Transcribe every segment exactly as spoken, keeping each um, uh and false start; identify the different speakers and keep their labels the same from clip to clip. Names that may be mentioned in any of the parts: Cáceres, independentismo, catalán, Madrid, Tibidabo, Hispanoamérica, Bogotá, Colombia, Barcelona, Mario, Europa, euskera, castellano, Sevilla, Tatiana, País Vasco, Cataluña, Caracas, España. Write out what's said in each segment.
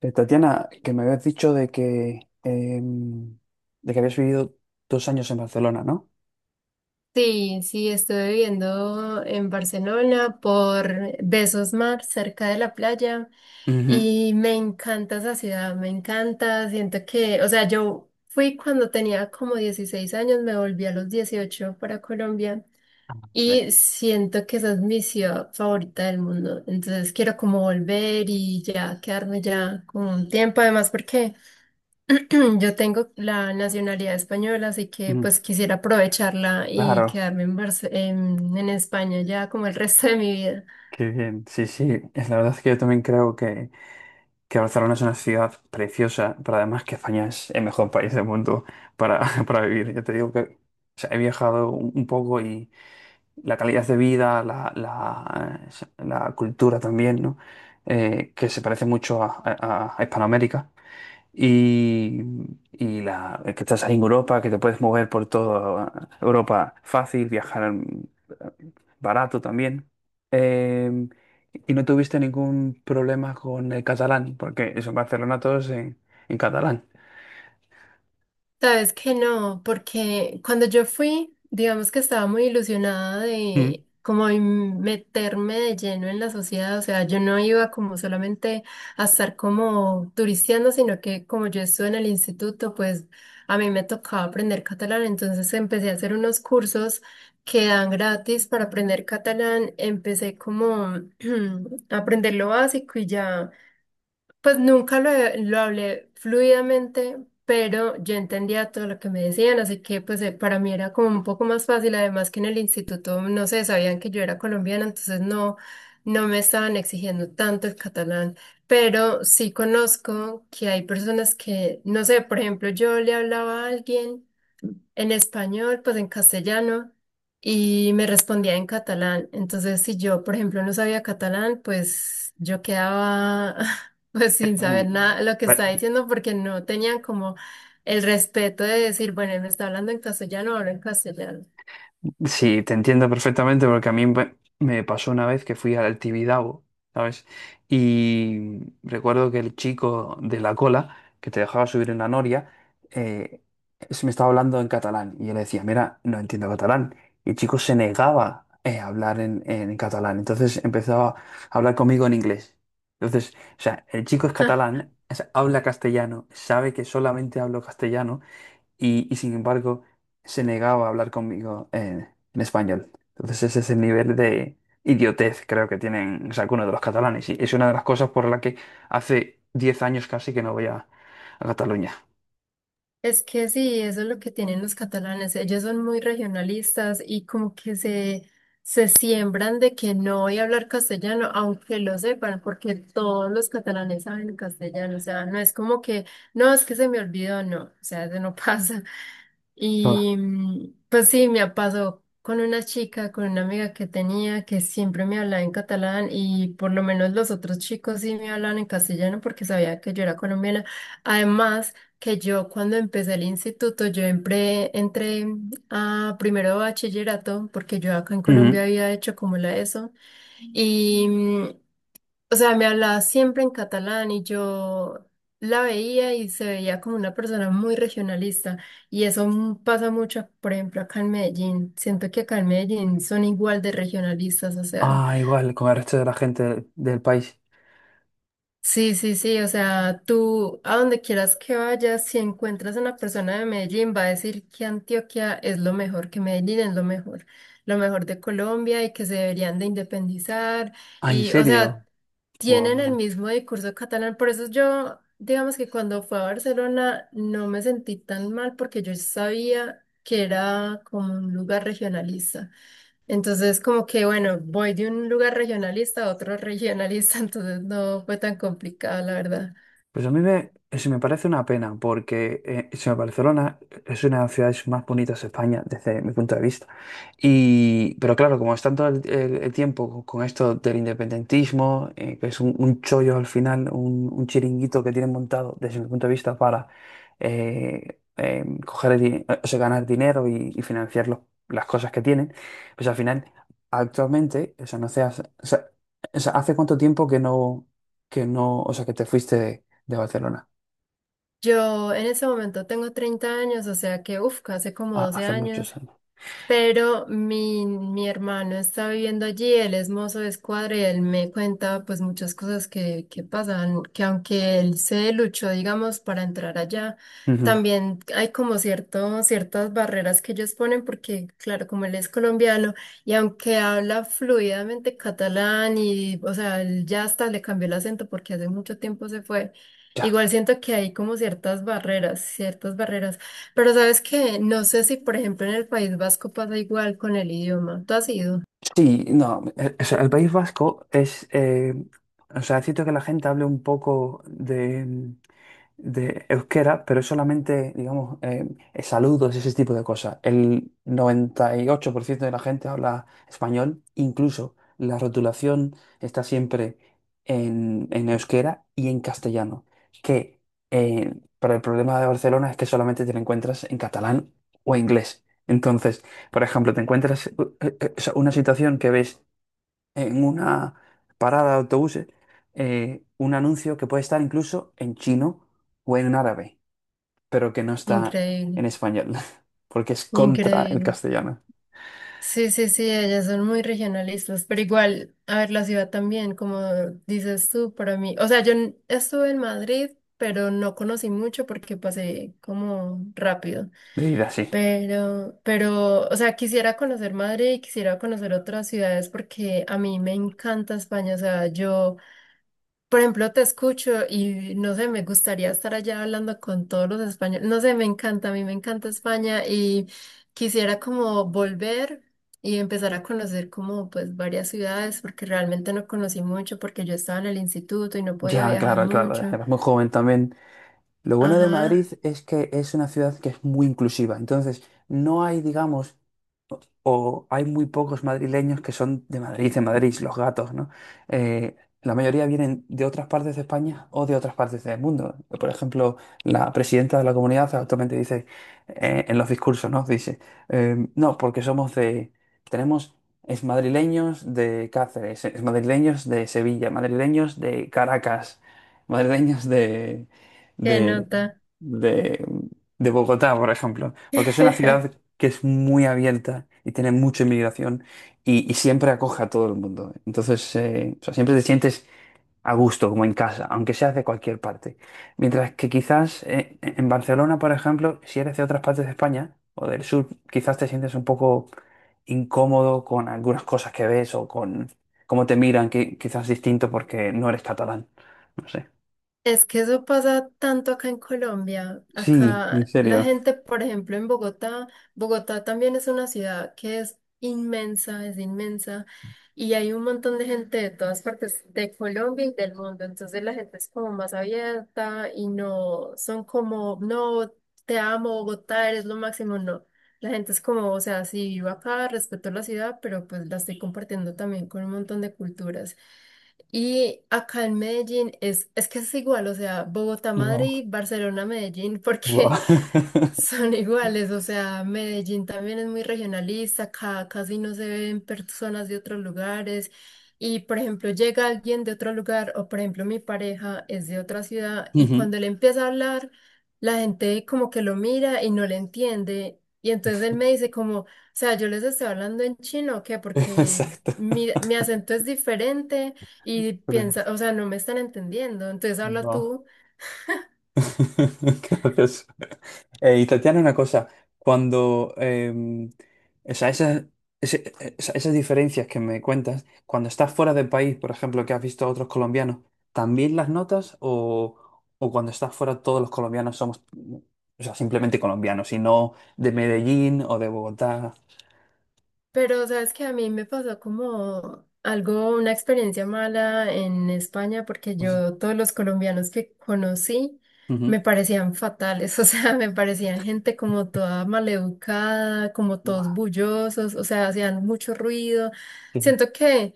Speaker 1: Eh, Tatiana, que me habías dicho de que, em, de que habías vivido dos años en Barcelona, ¿no?
Speaker 2: Sí, sí, estuve viviendo en Barcelona por Besos Mar, cerca de la playa,
Speaker 1: Ujú.
Speaker 2: y me encanta esa ciudad, me encanta, siento que, o sea, yo fui cuando tenía como dieciséis años, me volví a los dieciocho para Colombia.
Speaker 1: Sí.
Speaker 2: Y siento que esa es mi ciudad favorita del mundo. Entonces quiero como volver y ya quedarme ya con un tiempo. Además, porque yo tengo la nacionalidad española, así que
Speaker 1: Mm,
Speaker 2: pues quisiera aprovecharla y
Speaker 1: claro,
Speaker 2: quedarme en, Barce- en, en España ya como el resto de mi vida.
Speaker 1: qué bien. Sí, sí, es la verdad es que yo también creo que, que Barcelona es una ciudad preciosa, pero además que España es el mejor país del mundo para, para vivir. Yo te digo que o sea, he viajado un, un poco y la calidad de vida, la, la, la cultura también, ¿no? Eh, que se parece mucho a, a a Hispanoamérica. Y, y la, que estás ahí en Europa, que te puedes mover por toda Europa fácil, viajar barato también. Eh, y no tuviste ningún problema con el catalán, porque eso en Barcelona todos en, en catalán.
Speaker 2: Sabes que no, porque cuando yo fui, digamos que estaba muy ilusionada
Speaker 1: Mm.
Speaker 2: de como en meterme de lleno en la sociedad, o sea, yo no iba como solamente a estar como turisteando, sino que como yo estuve en el instituto, pues a mí me tocaba aprender catalán, entonces empecé a hacer unos cursos que dan gratis para aprender catalán, empecé como a aprender lo básico y ya. Pues nunca lo, he- lo hablé fluidamente, pero yo entendía todo lo que me decían, así que pues eh, para mí era como un poco más fácil, además que en el instituto, no sé, sabían que yo era colombiana, entonces no, no me estaban exigiendo tanto el catalán, pero sí conozco que hay personas que, no sé, por ejemplo, yo le hablaba a alguien en español, pues en castellano, y me respondía en catalán. Entonces, si yo, por ejemplo, no sabía catalán, pues yo quedaba pues sin saber
Speaker 1: Mm.
Speaker 2: nada lo que estaba diciendo porque no tenían como el respeto de decir, bueno, él me está hablando en castellano, hablo en castellano.
Speaker 1: Sí, te entiendo perfectamente porque a mí me me pasó una vez que fui al Tibidabo, ¿sabes? Y recuerdo que el chico de la cola, que te dejaba subir en la noria, eh, se me estaba hablando en catalán y yo le decía, mira, no entiendo catalán. Y el chico se negaba, eh, a hablar en, en catalán, entonces empezaba a hablar conmigo en inglés. Entonces, o sea, el chico es catalán, o sea, habla castellano, sabe que solamente hablo castellano y, y sin embargo se negaba a hablar conmigo en, en español. Entonces ese es el nivel de idiotez creo que tienen o sea, algunos de los catalanes y es una de las cosas por la que hace diez años casi que no voy a, a Cataluña.
Speaker 2: Es que sí, eso es lo que tienen los catalanes. Ellos son muy regionalistas y como que se, se siembran de que no voy a hablar castellano, aunque lo sepan, porque todos los catalanes saben castellano. O sea, no es como que, no, es que se me olvidó, no, o sea, eso no pasa.
Speaker 1: Ah,
Speaker 2: Y mm, pues sí, me pasó con una chica, con una amiga que tenía que siempre me hablaba en catalán y por lo menos los otros chicos sí me hablaban en castellano porque sabía que yo era colombiana. Además, que yo cuando empecé el instituto, yo entré, entré a primero de bachillerato porque yo acá en Colombia
Speaker 1: ujú.
Speaker 2: había hecho como la ESO y, mm, o sea, me hablaba siempre en catalán y yo la veía y se veía como una persona muy regionalista. Y eso mm, pasa mucho, por ejemplo, acá en Medellín. Siento que acá en Medellín son igual de regionalistas, o sea.
Speaker 1: Ah, igual, con el resto de la gente del país.
Speaker 2: Sí, sí, sí, o sea, tú a donde quieras que vayas, si encuentras a una persona de Medellín, va a decir que Antioquia es lo mejor, que Medellín es lo mejor, lo mejor de Colombia y que se deberían de independizar.
Speaker 1: Ah, ¿en
Speaker 2: Y, o sea,
Speaker 1: serio?
Speaker 2: tienen el
Speaker 1: Guau.
Speaker 2: mismo discurso catalán. Por eso yo, digamos que cuando fui a Barcelona no me sentí tan mal porque yo sabía que era como un lugar regionalista. Entonces, como que, bueno, voy de un lugar regionalista a otro regionalista, entonces no fue tan complicado, la verdad.
Speaker 1: Pues a mí me, se me parece una pena, porque eh, se me- Barcelona es una de las ciudades más bonitas de España desde mi punto de vista. Y, pero claro, como están todo el, el- el tiempo con, con esto del independentismo, eh, que es un, un chollo al final, un, un chiringuito que tienen montado desde mi punto de vista para eh, eh, coger el di- o sea, ganar dinero y, y financiar los- las cosas que tienen, pues al final, actualmente, o sea, no se hace- o sea, o sea, ¿hace cuánto tiempo que no, que no, o sea, que te fuiste? De Barcelona.
Speaker 2: Yo en ese momento tengo treinta años, o sea que, uff, hace como
Speaker 1: Ah,
Speaker 2: doce
Speaker 1: hace
Speaker 2: años.
Speaker 1: muchos años.
Speaker 2: Pero mi, mi hermano está viviendo allí, él es mozo de escuadra y él me cuenta pues muchas cosas que, que pasan, que aunque él se luchó, digamos, para entrar allá,
Speaker 1: Ujú.
Speaker 2: también hay como cierto, ciertas barreras que ellos ponen porque, claro, como él es colombiano y aunque habla fluidamente catalán y, o sea, él ya hasta le cambió el acento porque hace mucho tiempo se fue,
Speaker 1: Ya.
Speaker 2: igual siento que hay como ciertas barreras, ciertas barreras. Pero sabes que no sé si, por ejemplo, en el País Vasco pasa igual con el idioma. Tú has ido.
Speaker 1: Sí, no, eh, o sea, el País Vasco es, eh, o sea, siento que la gente hable un poco de, de euskera, pero es solamente, digamos, eh, saludos ese tipo de cosas. El noventa y ocho por ciento de la gente habla español, incluso la rotulación está siempre en, en euskera y en castellano, que, eh, para el problema de Barcelona es que solamente te la encuentras en catalán o inglés. Entonces, por ejemplo, te encuentras, eh, eh, eh, o sea, una situación que ves en una parada de autobuses, eh, un anuncio que puede estar incluso en chino o en árabe, pero que no está
Speaker 2: Increíble,
Speaker 1: en español, porque es contra el
Speaker 2: increíble.
Speaker 1: castellano.
Speaker 2: Sí, sí, sí, ellas son muy regionalistas, pero igual, a ver, la ciudad también, como dices tú, para mí, o sea, yo n- estuve en Madrid, pero no conocí mucho porque pasé como rápido,
Speaker 1: Leída así.
Speaker 2: pero, pero, o sea, quisiera conocer Madrid y quisiera conocer otras ciudades porque a mí me encanta España, o sea, yo... Por ejemplo, te escucho y no sé, me gustaría estar allá hablando con todos los españoles. No sé, me encanta, a mí me encanta España y quisiera como volver y empezar a conocer como pues varias ciudades porque realmente no conocí mucho porque yo estaba en el instituto y no podía
Speaker 1: Ya,
Speaker 2: viajar
Speaker 1: claro, claro,
Speaker 2: mucho.
Speaker 1: era muy joven también. Lo bueno de Madrid
Speaker 2: Ajá,
Speaker 1: es que es una ciudad que es muy inclusiva, entonces no hay, digamos, o hay muy pocos madrileños que son de Madrid, de Madrid, los gatos, ¿no? Eh, la mayoría vienen de otras partes de España o de otras partes del mundo. Por ejemplo, la presidenta de la comunidad actualmente dice, eh, en los discursos, ¿no? Dice, eh, no, porque somos de, tenemos es madrileños de Cáceres, es madrileños de Sevilla, madrileños de Caracas, madrileños de,
Speaker 2: qué
Speaker 1: de,
Speaker 2: nota.
Speaker 1: de de Bogotá, por ejemplo, porque es una ciudad que es muy abierta y tiene mucha inmigración y, y siempre acoge a todo el mundo. Entonces, eh, o sea, siempre te sientes a gusto, como en casa, aunque seas de cualquier parte. Mientras que quizás, eh, en Barcelona, por ejemplo, si eres de otras partes de España o del sur, quizás te sientes un poco incómodo con algunas cosas que ves o con cómo te miran, que quizás distinto porque no eres catalán. No sé.
Speaker 2: Es que eso pasa tanto acá en Colombia.
Speaker 1: Sí, en
Speaker 2: Acá la
Speaker 1: serio.
Speaker 2: gente, por ejemplo, en Bogotá, Bogotá también es una ciudad que es inmensa, es inmensa, y hay un montón de gente de todas partes de Colombia y del mundo. Entonces la gente es como más abierta y no son como, no, te amo, Bogotá, eres lo máximo. No, la gente es como, o sea, sí, vivo acá, respeto la ciudad, pero pues la estoy compartiendo también con un montón de culturas. Y acá en Medellín es, es que es igual, o sea, Bogotá,
Speaker 1: Guau,
Speaker 2: Madrid, Barcelona, Medellín,
Speaker 1: guau.
Speaker 2: porque son iguales, o sea, Medellín también es muy regionalista, ca- casi no se ven personas de otros lugares y, por ejemplo, llega alguien de otro lugar o, por ejemplo, mi pareja es de otra ciudad y cuando él empieza a hablar, la gente como que lo mira y no le entiende y entonces él me dice como, o sea, yo les estoy hablando en chino, ¿o ¿qué? Porque
Speaker 1: Exacto.
Speaker 2: mi, mi acento es diferente y piensa, o sea, no me están entendiendo, entonces habla
Speaker 1: No.
Speaker 2: tú.
Speaker 1: Qué gracioso. Eh, y Tatiana, una cosa, cuando, em, o sea, esas, ese- esa- esas diferencias que me cuentas, cuando estás fuera del país, por ejemplo, que has visto a otros colombianos, ¿también las notas o, o cuando estás fuera todos los colombianos somos, o sea, simplemente colombianos y no de Medellín o de Bogotá?
Speaker 2: Pero sabes que a mí me pasó como algo, una experiencia mala en España, porque
Speaker 1: No sé.
Speaker 2: yo todos los colombianos que conocí me
Speaker 1: Ujú.
Speaker 2: parecían fatales, o sea, me parecían gente como toda maleducada, como todos
Speaker 1: Buah,
Speaker 2: bullosos, o sea, hacían mucho ruido.
Speaker 1: qué-
Speaker 2: Siento que,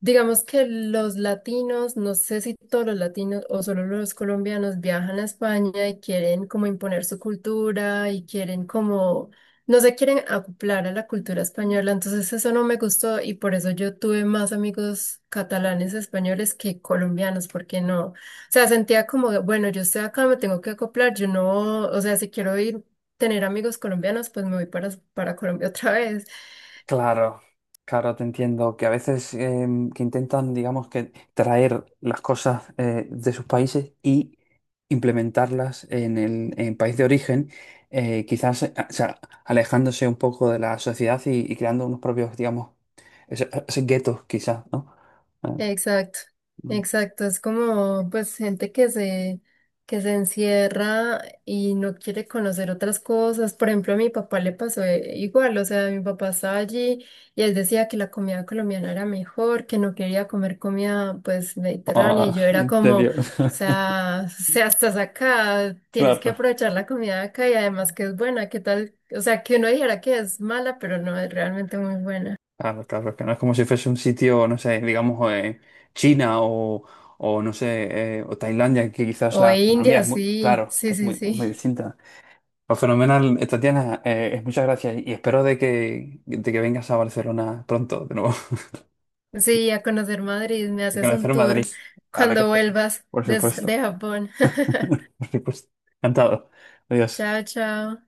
Speaker 2: digamos que los latinos, no sé si todos los latinos o solo los colombianos viajan a España y quieren como imponer su cultura y quieren como no se quieren acoplar a la cultura española, entonces eso no me gustó y por eso yo tuve más amigos catalanes españoles que colombianos, porque no, o sea, sentía como, de, bueno, yo estoy acá, me tengo que acoplar, yo no, o sea, si quiero ir, tener amigos colombianos, pues me voy para, para Colombia otra vez.
Speaker 1: Claro, claro, te entiendo que a veces, em, que intentan, digamos, que traer las cosas, eh, de sus países y implementarlas en el en país de origen, eh, quizás, eh, o sea, alejándose un poco de la sociedad y, y creando unos propios, digamos, ese- esos guetos, quizás, ¿no? Eh,
Speaker 2: Exacto,
Speaker 1: mm.
Speaker 2: exacto. Es como pues gente que se, que se encierra y no quiere conocer otras cosas. Por ejemplo, a mi papá le pasó eh, igual, o sea, mi papá estaba allí y él decía que la comida colombiana era mejor, que no quería comer comida pues mediterránea. Y
Speaker 1: Ah,
Speaker 2: yo era
Speaker 1: en
Speaker 2: como, o
Speaker 1: serio.
Speaker 2: sea, o sea, estás acá, tienes que
Speaker 1: Claro.
Speaker 2: aprovechar la comida de acá y además que es buena, ¿qué tal? O sea, que uno dijera que es mala, pero no es realmente muy buena.
Speaker 1: Claro, claro, es que no es como si fuese un sitio, no sé, digamos, eh, China, o, o no sé, eh, o Tailandia, que quizás
Speaker 2: O
Speaker 1: la economía
Speaker 2: India,
Speaker 1: es muy,
Speaker 2: sí,
Speaker 1: claro,
Speaker 2: sí,
Speaker 1: que es
Speaker 2: sí,
Speaker 1: muy, es muy
Speaker 2: sí.
Speaker 1: distinta. Pues fenomenal, eh, Tatiana, eh, es muchas gracias y espero de que, de que vengas a Barcelona pronto de nuevo,
Speaker 2: Sí, a conocer Madrid, me
Speaker 1: y
Speaker 2: haces un
Speaker 1: conocer Madrid.
Speaker 2: tour
Speaker 1: Claro que
Speaker 2: cuando
Speaker 1: sí,
Speaker 2: vuelvas
Speaker 1: por
Speaker 2: des- de
Speaker 1: supuesto,
Speaker 2: Japón.
Speaker 1: por supuesto. Encantado. Adiós.
Speaker 2: Chao, chao.